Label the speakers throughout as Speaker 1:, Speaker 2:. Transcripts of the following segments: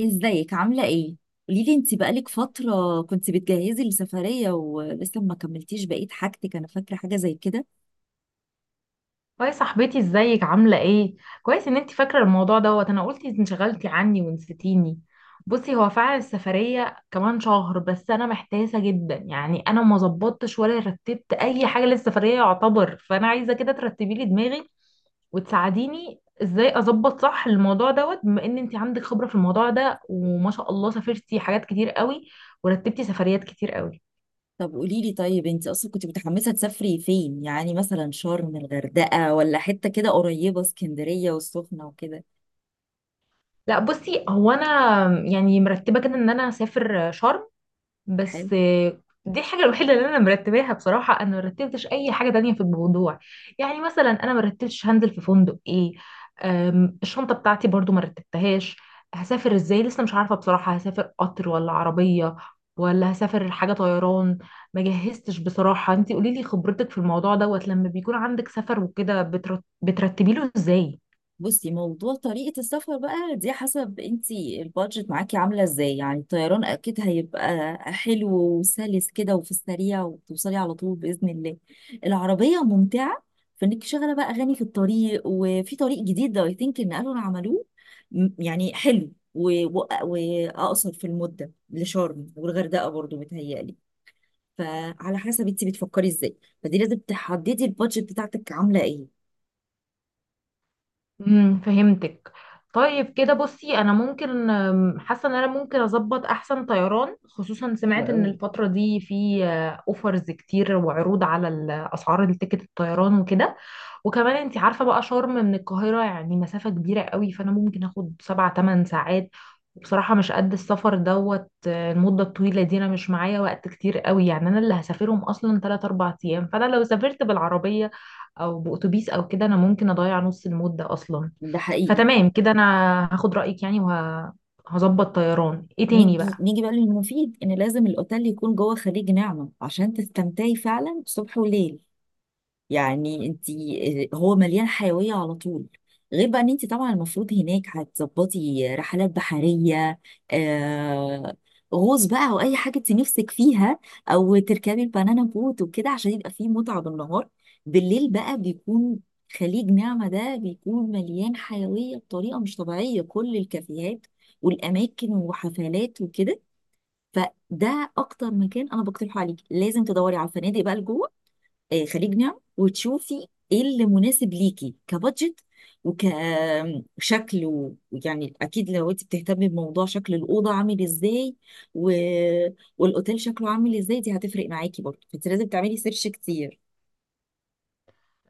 Speaker 1: ازيك عاملة ايه؟ قوليلي، انت بقالك فترة كنت بتجهزي لسفرية ولسه ما كملتيش بقية حاجتك، انا فاكرة حاجة زي كده.
Speaker 2: هاي صاحبتي، ازيك عاملة ايه؟ كويس ان انتي فاكرة الموضوع دوت. انا قلت انشغلتي عني ونسيتيني. بصي، هو فعلا السفرية كمان شهر، بس انا محتاسة جدا. يعني انا ما ظبطتش ولا رتبت اي حاجة للسفرية يعتبر، فانا عايزة كده ترتبي لي دماغي وتساعديني ازاي اظبط صح الموضوع دوت، بما ان انتي عندك خبرة في الموضوع ده وما شاء الله سافرتي حاجات كتير قوي ورتبتي سفريات كتير قوي.
Speaker 1: طب قوليلي، طيب انت اصلا كنت متحمسة تسافري فين؟ يعني مثلا شرم، الغردقة، ولا حتة كده قريبة اسكندرية والسخنة وكده.
Speaker 2: لا بصي، هو انا يعني مرتبة كده ان انا هسافر شرم.
Speaker 1: حلو.
Speaker 2: بس دي الحاجة الوحيدة اللي أنا مرتباها. بصراحة أنا مرتبتش أي حاجة تانية في الموضوع. يعني مثلا أنا مرتبتش هنزل في فندق إيه. الشنطة بتاعتي برضو مرتبتهاش. هسافر إزاي لسه مش عارفة بصراحة، هسافر قطر ولا عربية ولا هسافر حاجة طيران؟ ما جهزتش بصراحة. انتي قوليلي خبرتك في الموضوع دوت، لما بيكون عندك سفر وكده بترتبيله إزاي؟
Speaker 1: بصي، موضوع طريقة السفر بقى دي حسب انتي البادجت معاكي عاملة ازاي. يعني الطيران اكيد هيبقى حلو وسلس كده وفي السريع، وتوصلي على طول بإذن الله. العربية ممتعة فانك شغالة بقى اغاني في الطريق، وفي طريق جديد ده اي ثينك ان قالوا إن عملوه. يعني حلو و- و- واقصر في المدة لشرم والغردقة برضو متهيألي. فعلى حسب انتي بتفكري ازاي، فدي لازم تحددي البادجت بتاعتك عاملة ايه.
Speaker 2: فهمتك. طيب كده بصي، انا ممكن حاسه ان انا ممكن اظبط احسن طيران، خصوصا سمعت ان
Speaker 1: وأقول-
Speaker 2: الفتره دي في اوفرز كتير وعروض على اسعار التيكت الطيران وكده. وكمان انت عارفة بقى شرم من القاهرة يعني مسافة كبيرة قوي، فانا ممكن اخد 7 8 ساعات. وبصراحة مش قد السفر دوت. المدة الطويلة دي انا مش معايا وقت كتير قوي، يعني انا اللي هسافرهم اصلا 3 4 أيام، فانا لو سافرت بالعربية او بأتوبيس او كده انا ممكن اضيع نص المدة اصلا.
Speaker 1: ده حقيقي.
Speaker 2: فتمام كده انا هاخد رأيك يعني، وهظبط طيران ايه تاني
Speaker 1: نيجي
Speaker 2: بقى.
Speaker 1: نيجي بقى للمفيد، ان لازم الاوتيل يكون جوه خليج نعمة عشان تستمتعي فعلا صبح وليل. يعني انت، هو مليان حيوية على طول. غير بقى ان انت طبعا المفروض هناك هتظبطي رحلات بحرية، آه، غوص بقى او اي حاجة انت نفسك فيها، او تركبي البنانا بوت وكده عشان يبقى فيه متعة بالنهار. بالليل بقى بيكون خليج نعمة ده بيكون مليان حيوية بطريقة مش طبيعية، كل الكافيهات والأماكن وحفلات وكده. فده اكتر مكان انا بقترحه عليكي. لازم تدوري على الفنادق بقى لجوه خليج نعم، وتشوفي ايه اللي مناسب ليكي كبادجت وكشكل. ويعني اكيد لو انت بتهتمي بموضوع شكل الاوضه عامل ازاي و... والاوتيل شكله عامل ازاي، دي هتفرق معاكي برضه، فانت لازم تعملي سيرش كتير.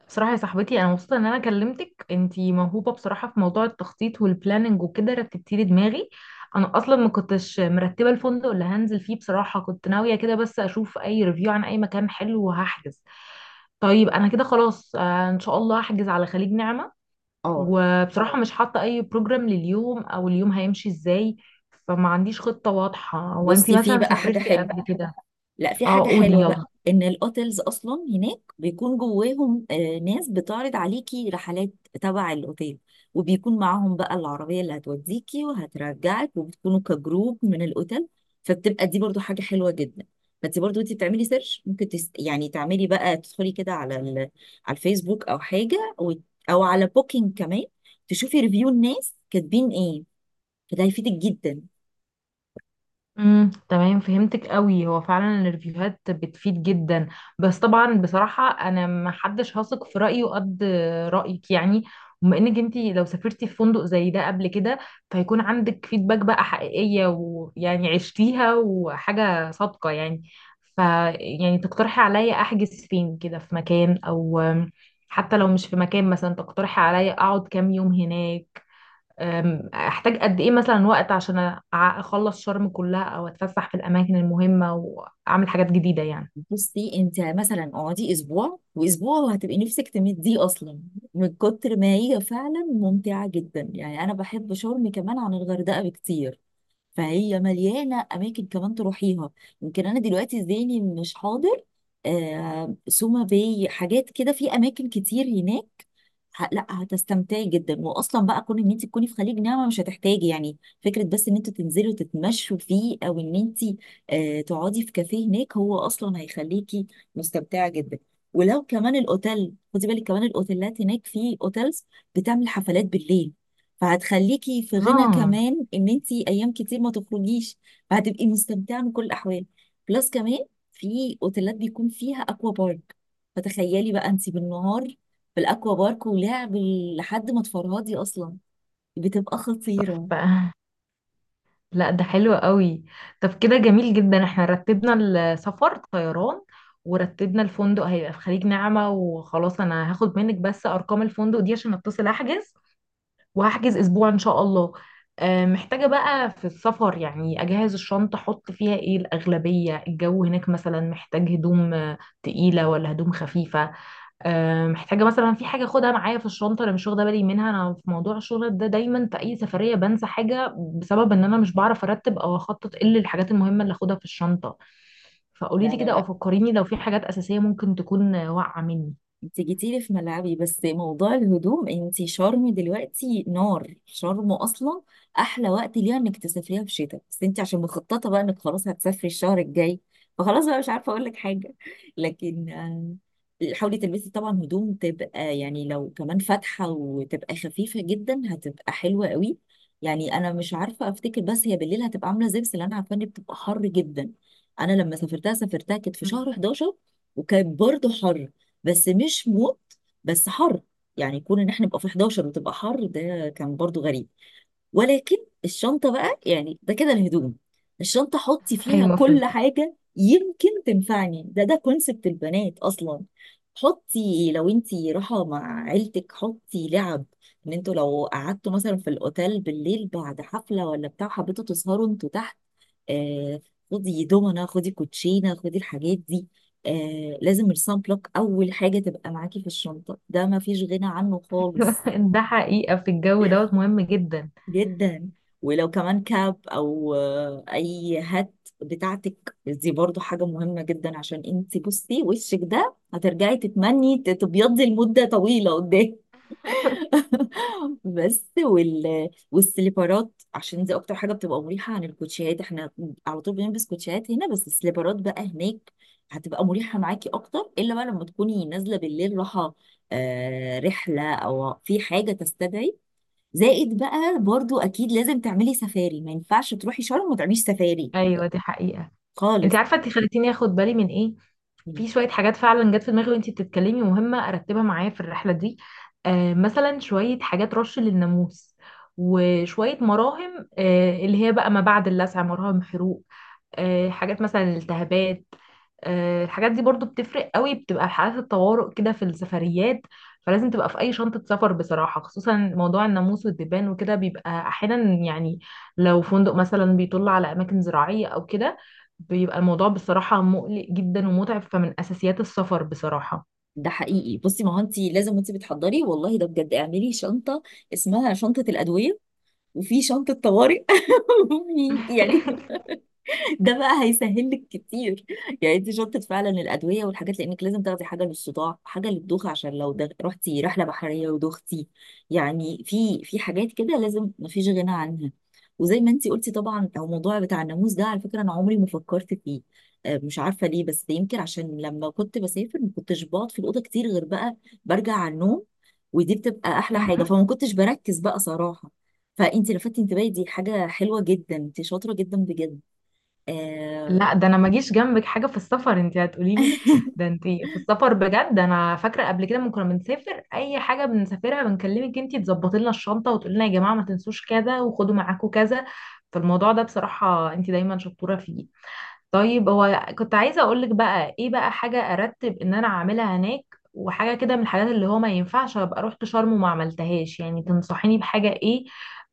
Speaker 2: بصراحة يا صاحبتي، أنا مبسوطة إن أنا كلمتك. أنتي موهوبة بصراحة في موضوع التخطيط والبلاننج وكده، رتبتي لي دماغي. أنا أصلا ما كنتش مرتبة الفندق اللي هنزل فيه بصراحة، كنت ناوية كده بس أشوف أي ريفيو عن أي مكان حلو وهحجز. طيب أنا كده خلاص، إن شاء الله هحجز على خليج نعمة.
Speaker 1: اه
Speaker 2: وبصراحة مش حاطة أي بروجرام لليوم أو اليوم هيمشي إزاي، فما عنديش خطة واضحة. وأنتي
Speaker 1: بصي، في
Speaker 2: مثلا
Speaker 1: بقى حاجه
Speaker 2: سافرتي
Speaker 1: حلوه،
Speaker 2: قبل كده؟
Speaker 1: لا في
Speaker 2: أه،
Speaker 1: حاجة
Speaker 2: قولي
Speaker 1: حلوة
Speaker 2: يلا.
Speaker 1: بقى، ان الاوتيلز اصلا هناك بيكون جواهم، ناس بتعرض عليكي رحلات تبع الاوتيل، وبيكون معاهم بقى العربية اللي هتوديكي وهترجعك، وبتكونوا كجروب من الاوتيل. فبتبقى دي برضو حاجة حلوة جدا. فانت برضو انت بتعملي سيرش، ممكن يعني تعملي بقى تدخلي كده على على الفيسبوك او حاجة او على بوكينج كمان، تشوفي ريفيو الناس كاتبين ايه، فده هيفيدك جدا.
Speaker 2: تمام، فهمتك قوي. هو فعلا الريفيوهات بتفيد جدا. بس طبعا بصراحة انا ما حدش هثق في رأيه قد رأيك يعني. بما انك انتي لو سافرتي في فندق زي ده قبل كده، فيكون عندك فيدباك بقى حقيقية، ويعني عشتيها وحاجة صادقة يعني. ف يعني تقترحي عليا احجز فين كده في مكان، او حتى لو مش في مكان مثلا تقترحي عليا اقعد كام يوم هناك. احتاج قد ايه مثلا وقت عشان اخلص شرم كلها او اتفسح في الاماكن المهمة واعمل حاجات جديدة يعني.
Speaker 1: بصي انت مثلا اقعدي اسبوع، واسبوع وهتبقي نفسك تمديه اصلا من كتر ما هي فعلا ممتعه جدا. يعني انا بحب شرم كمان عن الغردقه بكتير، فهي مليانه اماكن كمان تروحيها. يمكن انا دلوقتي ذهني مش حاضر. آه، سوما باي، حاجات كده في اماكن كتير هناك. لا هتستمتعي جدا. واصلا بقى كون ان انت تكوني في خليج نعمه مش هتحتاجي يعني فكره، بس ان انتوا تنزلوا تتمشوا فيه، او ان انت آه تقعدي في كافيه هناك، هو اصلا هيخليكي مستمتعه جدا. ولو كمان الاوتيل، خدي بالك كمان الاوتيلات هناك، في اوتيلز بتعمل حفلات بالليل، فهتخليكي في غنى
Speaker 2: اه.
Speaker 1: كمان ان انت ايام كتير ما تخرجيش، فهتبقي مستمتعه من كل الاحوال. بلس كمان في اوتيلات بيكون فيها اكوا بارك، فتخيلي بقى انت بالنهار بالاكوا بارك ولعب لحد ما تفرهدي اصلا، بتبقى خطيره.
Speaker 2: ف... لا، ده حلو قوي. طب كده جميل جدا، احنا رتبنا السفر طيران، ورتبنا الفندق هيبقى في خليج نعمة. وخلاص، انا هاخد منك بس ارقام الفندق دي عشان اتصل احجز، وهحجز اسبوع ان شاء الله. محتاجة بقى في السفر يعني اجهز الشنطة، احط فيها ايه؟ الاغلبية الجو هناك مثلا محتاج هدوم تقيلة ولا هدوم خفيفة؟ محتاجة مثلا في حاجة اخدها معايا في الشنطة انا مش واخدة بالي منها. انا في موضوع الشغل ده دايما في اي سفرية بنسى حاجة، بسبب ان انا مش بعرف ارتب او اخطط ايه الحاجات المهمة اللي اخدها في الشنطة. فقولي
Speaker 1: لا
Speaker 2: لي
Speaker 1: لا
Speaker 2: كده او
Speaker 1: لا
Speaker 2: فكريني لو في حاجات اساسية ممكن تكون واقعة مني.
Speaker 1: انت جيتيلي في ملعبي. بس موضوع الهدوم، انت شرم دلوقتي نار، شرم اصلا احلى وقت ليها انك تسافريها في شتاء، بس انت عشان مخططه بقى انك خلاص هتسافري الشهر الجاي، فخلاص بقى مش عارفه اقول لك حاجه. لكن حاولي تلبسي طبعا هدوم تبقى يعني لو كمان فاتحه وتبقى خفيفه جدا، هتبقى حلوه قوي. يعني انا مش عارفه افتكر، بس هي بالليل هتبقى عامله زي، بس اللي انا عارفه ان بتبقى حر جدا. انا لما سافرتها سافرتها كانت في شهر
Speaker 2: مم.
Speaker 1: 11، وكان برضه حر، بس مش موت، بس حر. يعني يكون ان احنا نبقى في 11 وتبقى حر ده كان برضو غريب. ولكن الشنطة بقى، يعني ده كده الهدوم. الشنطة حطي فيها
Speaker 2: ايوه،
Speaker 1: كل
Speaker 2: فهمت.
Speaker 1: حاجة يمكن تنفعني، ده كونسبت البنات أصلا. حطي لو انتي رايحة مع عيلتك حطي لعب، ان انتوا لو قعدتوا مثلا في الأوتيل بالليل بعد حفلة ولا بتاع، حبيتوا تسهروا انتوا تحت، آه، خدي دومنة، خدي كوتشينة، خدي الحاجات دي. آه لازم السان بلوك أول حاجة تبقى معاكي في الشنطة، ده مفيش غنى عنه خالص،
Speaker 2: ده حقيقة في الجو دوت مهم جدا.
Speaker 1: جدا. ولو كمان كاب او اي هات بتاعتك دي برضو حاجة مهمة جدا، عشان انت بصي وشك ده هترجعي تتمني تبيضي لمدة طويلة قدام. بس والسليبرات، عشان دي اكتر حاجة بتبقى مريحة عن الكوتشيات، احنا على طول بنلبس كوتشيات هنا، بس السليبرات بقى هناك هتبقى مريحة معاكي اكتر، الا بقى لما تكوني نازلة بالليل راحة، آه رحلة او في حاجة تستدعي. زائد بقى، برضو اكيد لازم تعملي سفاري، ما ينفعش تروحي شرم وما تعمليش سفاري
Speaker 2: ايوه دي حقيقة. انت
Speaker 1: خالص.
Speaker 2: عارفة انت خليتيني اخد بالي من ايه؟ في شوية حاجات فعلا جت في دماغي وانت بتتكلمي، مهمة ارتبها معايا في الرحلة دي. مثلا شوية حاجات رش للناموس، وشوية مراهم اللي هي بقى ما بعد اللسع، مراهم حروق. حاجات مثلا الالتهابات. الحاجات دي برضو بتفرق قوي، بتبقى حالات الطوارئ كده في السفريات، فلازم تبقى في اي شنطة سفر بصراحة. خصوصا موضوع الناموس والدبان وكده بيبقى احيانا يعني، لو فندق مثلا بيطل على اماكن زراعية او كده بيبقى الموضوع بصراحة مقلق جدا ومتعب، فمن اساسيات السفر بصراحة.
Speaker 1: ده حقيقي. بصي، ما هو انت لازم وانت بتحضري، والله ده بجد، اعملي شنطه اسمها شنطه الادويه، وفي شنطه طوارئ. يعني ده بقى هيسهل لك كتير، يعني انت شطت فعلا الادويه والحاجات، لانك لازم تاخدي حاجه للصداع، حاجه للدوخه، عشان لو رحتي رحله بحريه ودوختي. يعني في حاجات كده لازم مفيش غنى عنها. وزي ما انت قلتي طبعا، او موضوع بتاع الناموس ده، على فكره انا عمري ما فكرت فيه. مش عارفه ليه، بس يمكن عشان لما كنت بسافر ما كنتش بقعد في الاوضه كتير، غير بقى برجع على النوم، ودي بتبقى احلى حاجه،
Speaker 2: مهم.
Speaker 1: فما كنتش بركز بقى صراحه. فانت لفتت انتباهي، دي حاجه حلوه جدا، انت شاطره جدا بجد. آه...
Speaker 2: لا ده انا ما جيش جنبك حاجه في السفر، انت هتقولي لي. ده انت في السفر بجد، انا فاكره قبل كده لما كنا بنسافر اي حاجه بنسافرها بنكلمك انت تظبطي لنا الشنطه وتقولي لنا يا جماعه ما تنسوش كذا وخدوا معاكوا كذا. فالموضوع ده بصراحه انت دايما شطوره فيه. طيب هو كنت عايزة اقولك بقى ايه، بقى حاجة ارتب ان انا اعملها هناك وحاجة كده من الحاجات اللي هو ما ينفعش ابقى رحت شرم وما عملتهاش، يعني تنصحيني بحاجة ايه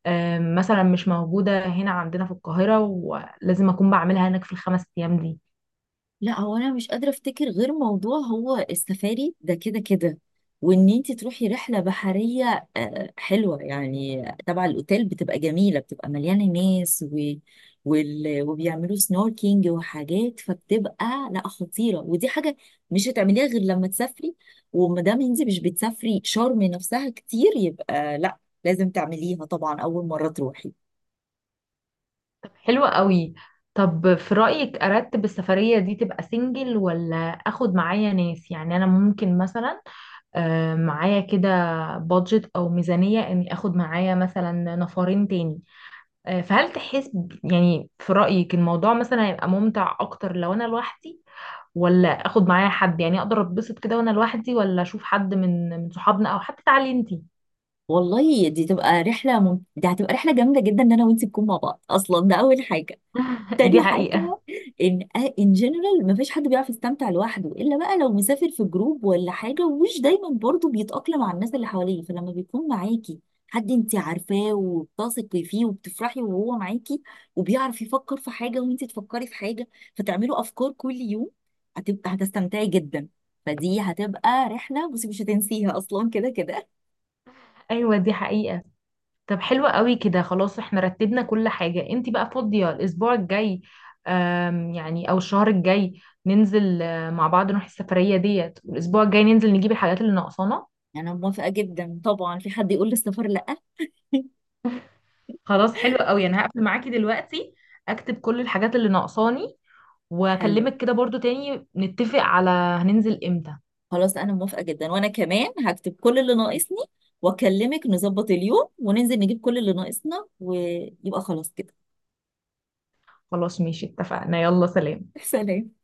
Speaker 2: مثلا مش موجودة هنا عندنا في القاهرة ولازم اكون بعملها هناك في ال5 أيام دي؟
Speaker 1: لا، هو انا مش قادره افتكر غير موضوع هو السفاري ده كده كده، وان انت تروحي رحله بحريه، آه، حلوه يعني تبع الاوتيل، بتبقى جميله، بتبقى مليانه ناس وبيعملوا سنوركينج وحاجات، فبتبقى لا خطيره. ودي حاجه مش هتعمليها غير لما تسافري، وما دام انت مش بتسافري شرم نفسها كتير يبقى لا، لازم تعمليها طبعا اول مره تروحي.
Speaker 2: طب حلوة قوي. طب في رأيك ارتب السفرية دي تبقى سنجل ولا اخد معايا ناس؟ يعني انا ممكن مثلا معايا كده بادجت او ميزانية اني اخد معايا مثلا نفرين تاني. فهل تحس يعني في رأيك الموضوع مثلا هيبقى ممتع اكتر لو انا لوحدي، ولا اخد معايا حد يعني؟ اقدر اتبسط كده وانا لوحدي، ولا اشوف حد من صحابنا، او حتى تعالي انتي؟
Speaker 1: والله دي تبقى رحلة دي هتبقى رحلة جامدة جدا، ان انا وانتي نكون مع بعض، اصلا ده اول حاجة.
Speaker 2: دي
Speaker 1: تاني
Speaker 2: حقيقة.
Speaker 1: حاجة، ان ان جنرال مفيش حد بيعرف يستمتع لوحده، الا بقى لو مسافر في جروب ولا حاجة، ومش دايما برضو بيتأقلم مع الناس اللي حواليه. فلما بيكون معاكي حد انتي عارفاه وبتثقي فيه وبتفرحي وهو معاكي، وبيعرف يفكر في حاجة وانتي تفكري في حاجة، فتعملوا افكار كل يوم، هتبقى هتستمتعي جدا. فدي هتبقى رحلة، بصي، مش هتنسيها اصلا كده كده.
Speaker 2: ايوه دي حقيقة. طب حلوة قوي كده، خلاص احنا رتبنا كل حاجة. انتي بقى فاضية الاسبوع الجاي يعني، او الشهر الجاي ننزل مع بعض نروح السفرية ديت، والاسبوع الجاي ننزل نجيب الحاجات اللي ناقصانا.
Speaker 1: يعني انا موافقة جدا طبعا، في حد يقول للسفر لا؟
Speaker 2: خلاص حلوة قوي، انا هقفل معاكي دلوقتي، اكتب كل الحاجات اللي ناقصاني،
Speaker 1: حلو،
Speaker 2: واكلمك كده برضو تاني نتفق على هننزل امتى.
Speaker 1: خلاص انا موافقة جدا، وانا كمان هكتب كل اللي ناقصني، واكلمك نظبط اليوم وننزل نجيب كل اللي ناقصنا، ويبقى خلاص كده.
Speaker 2: خلاص ماشي، اتفقنا. يلا سلام.
Speaker 1: سلام.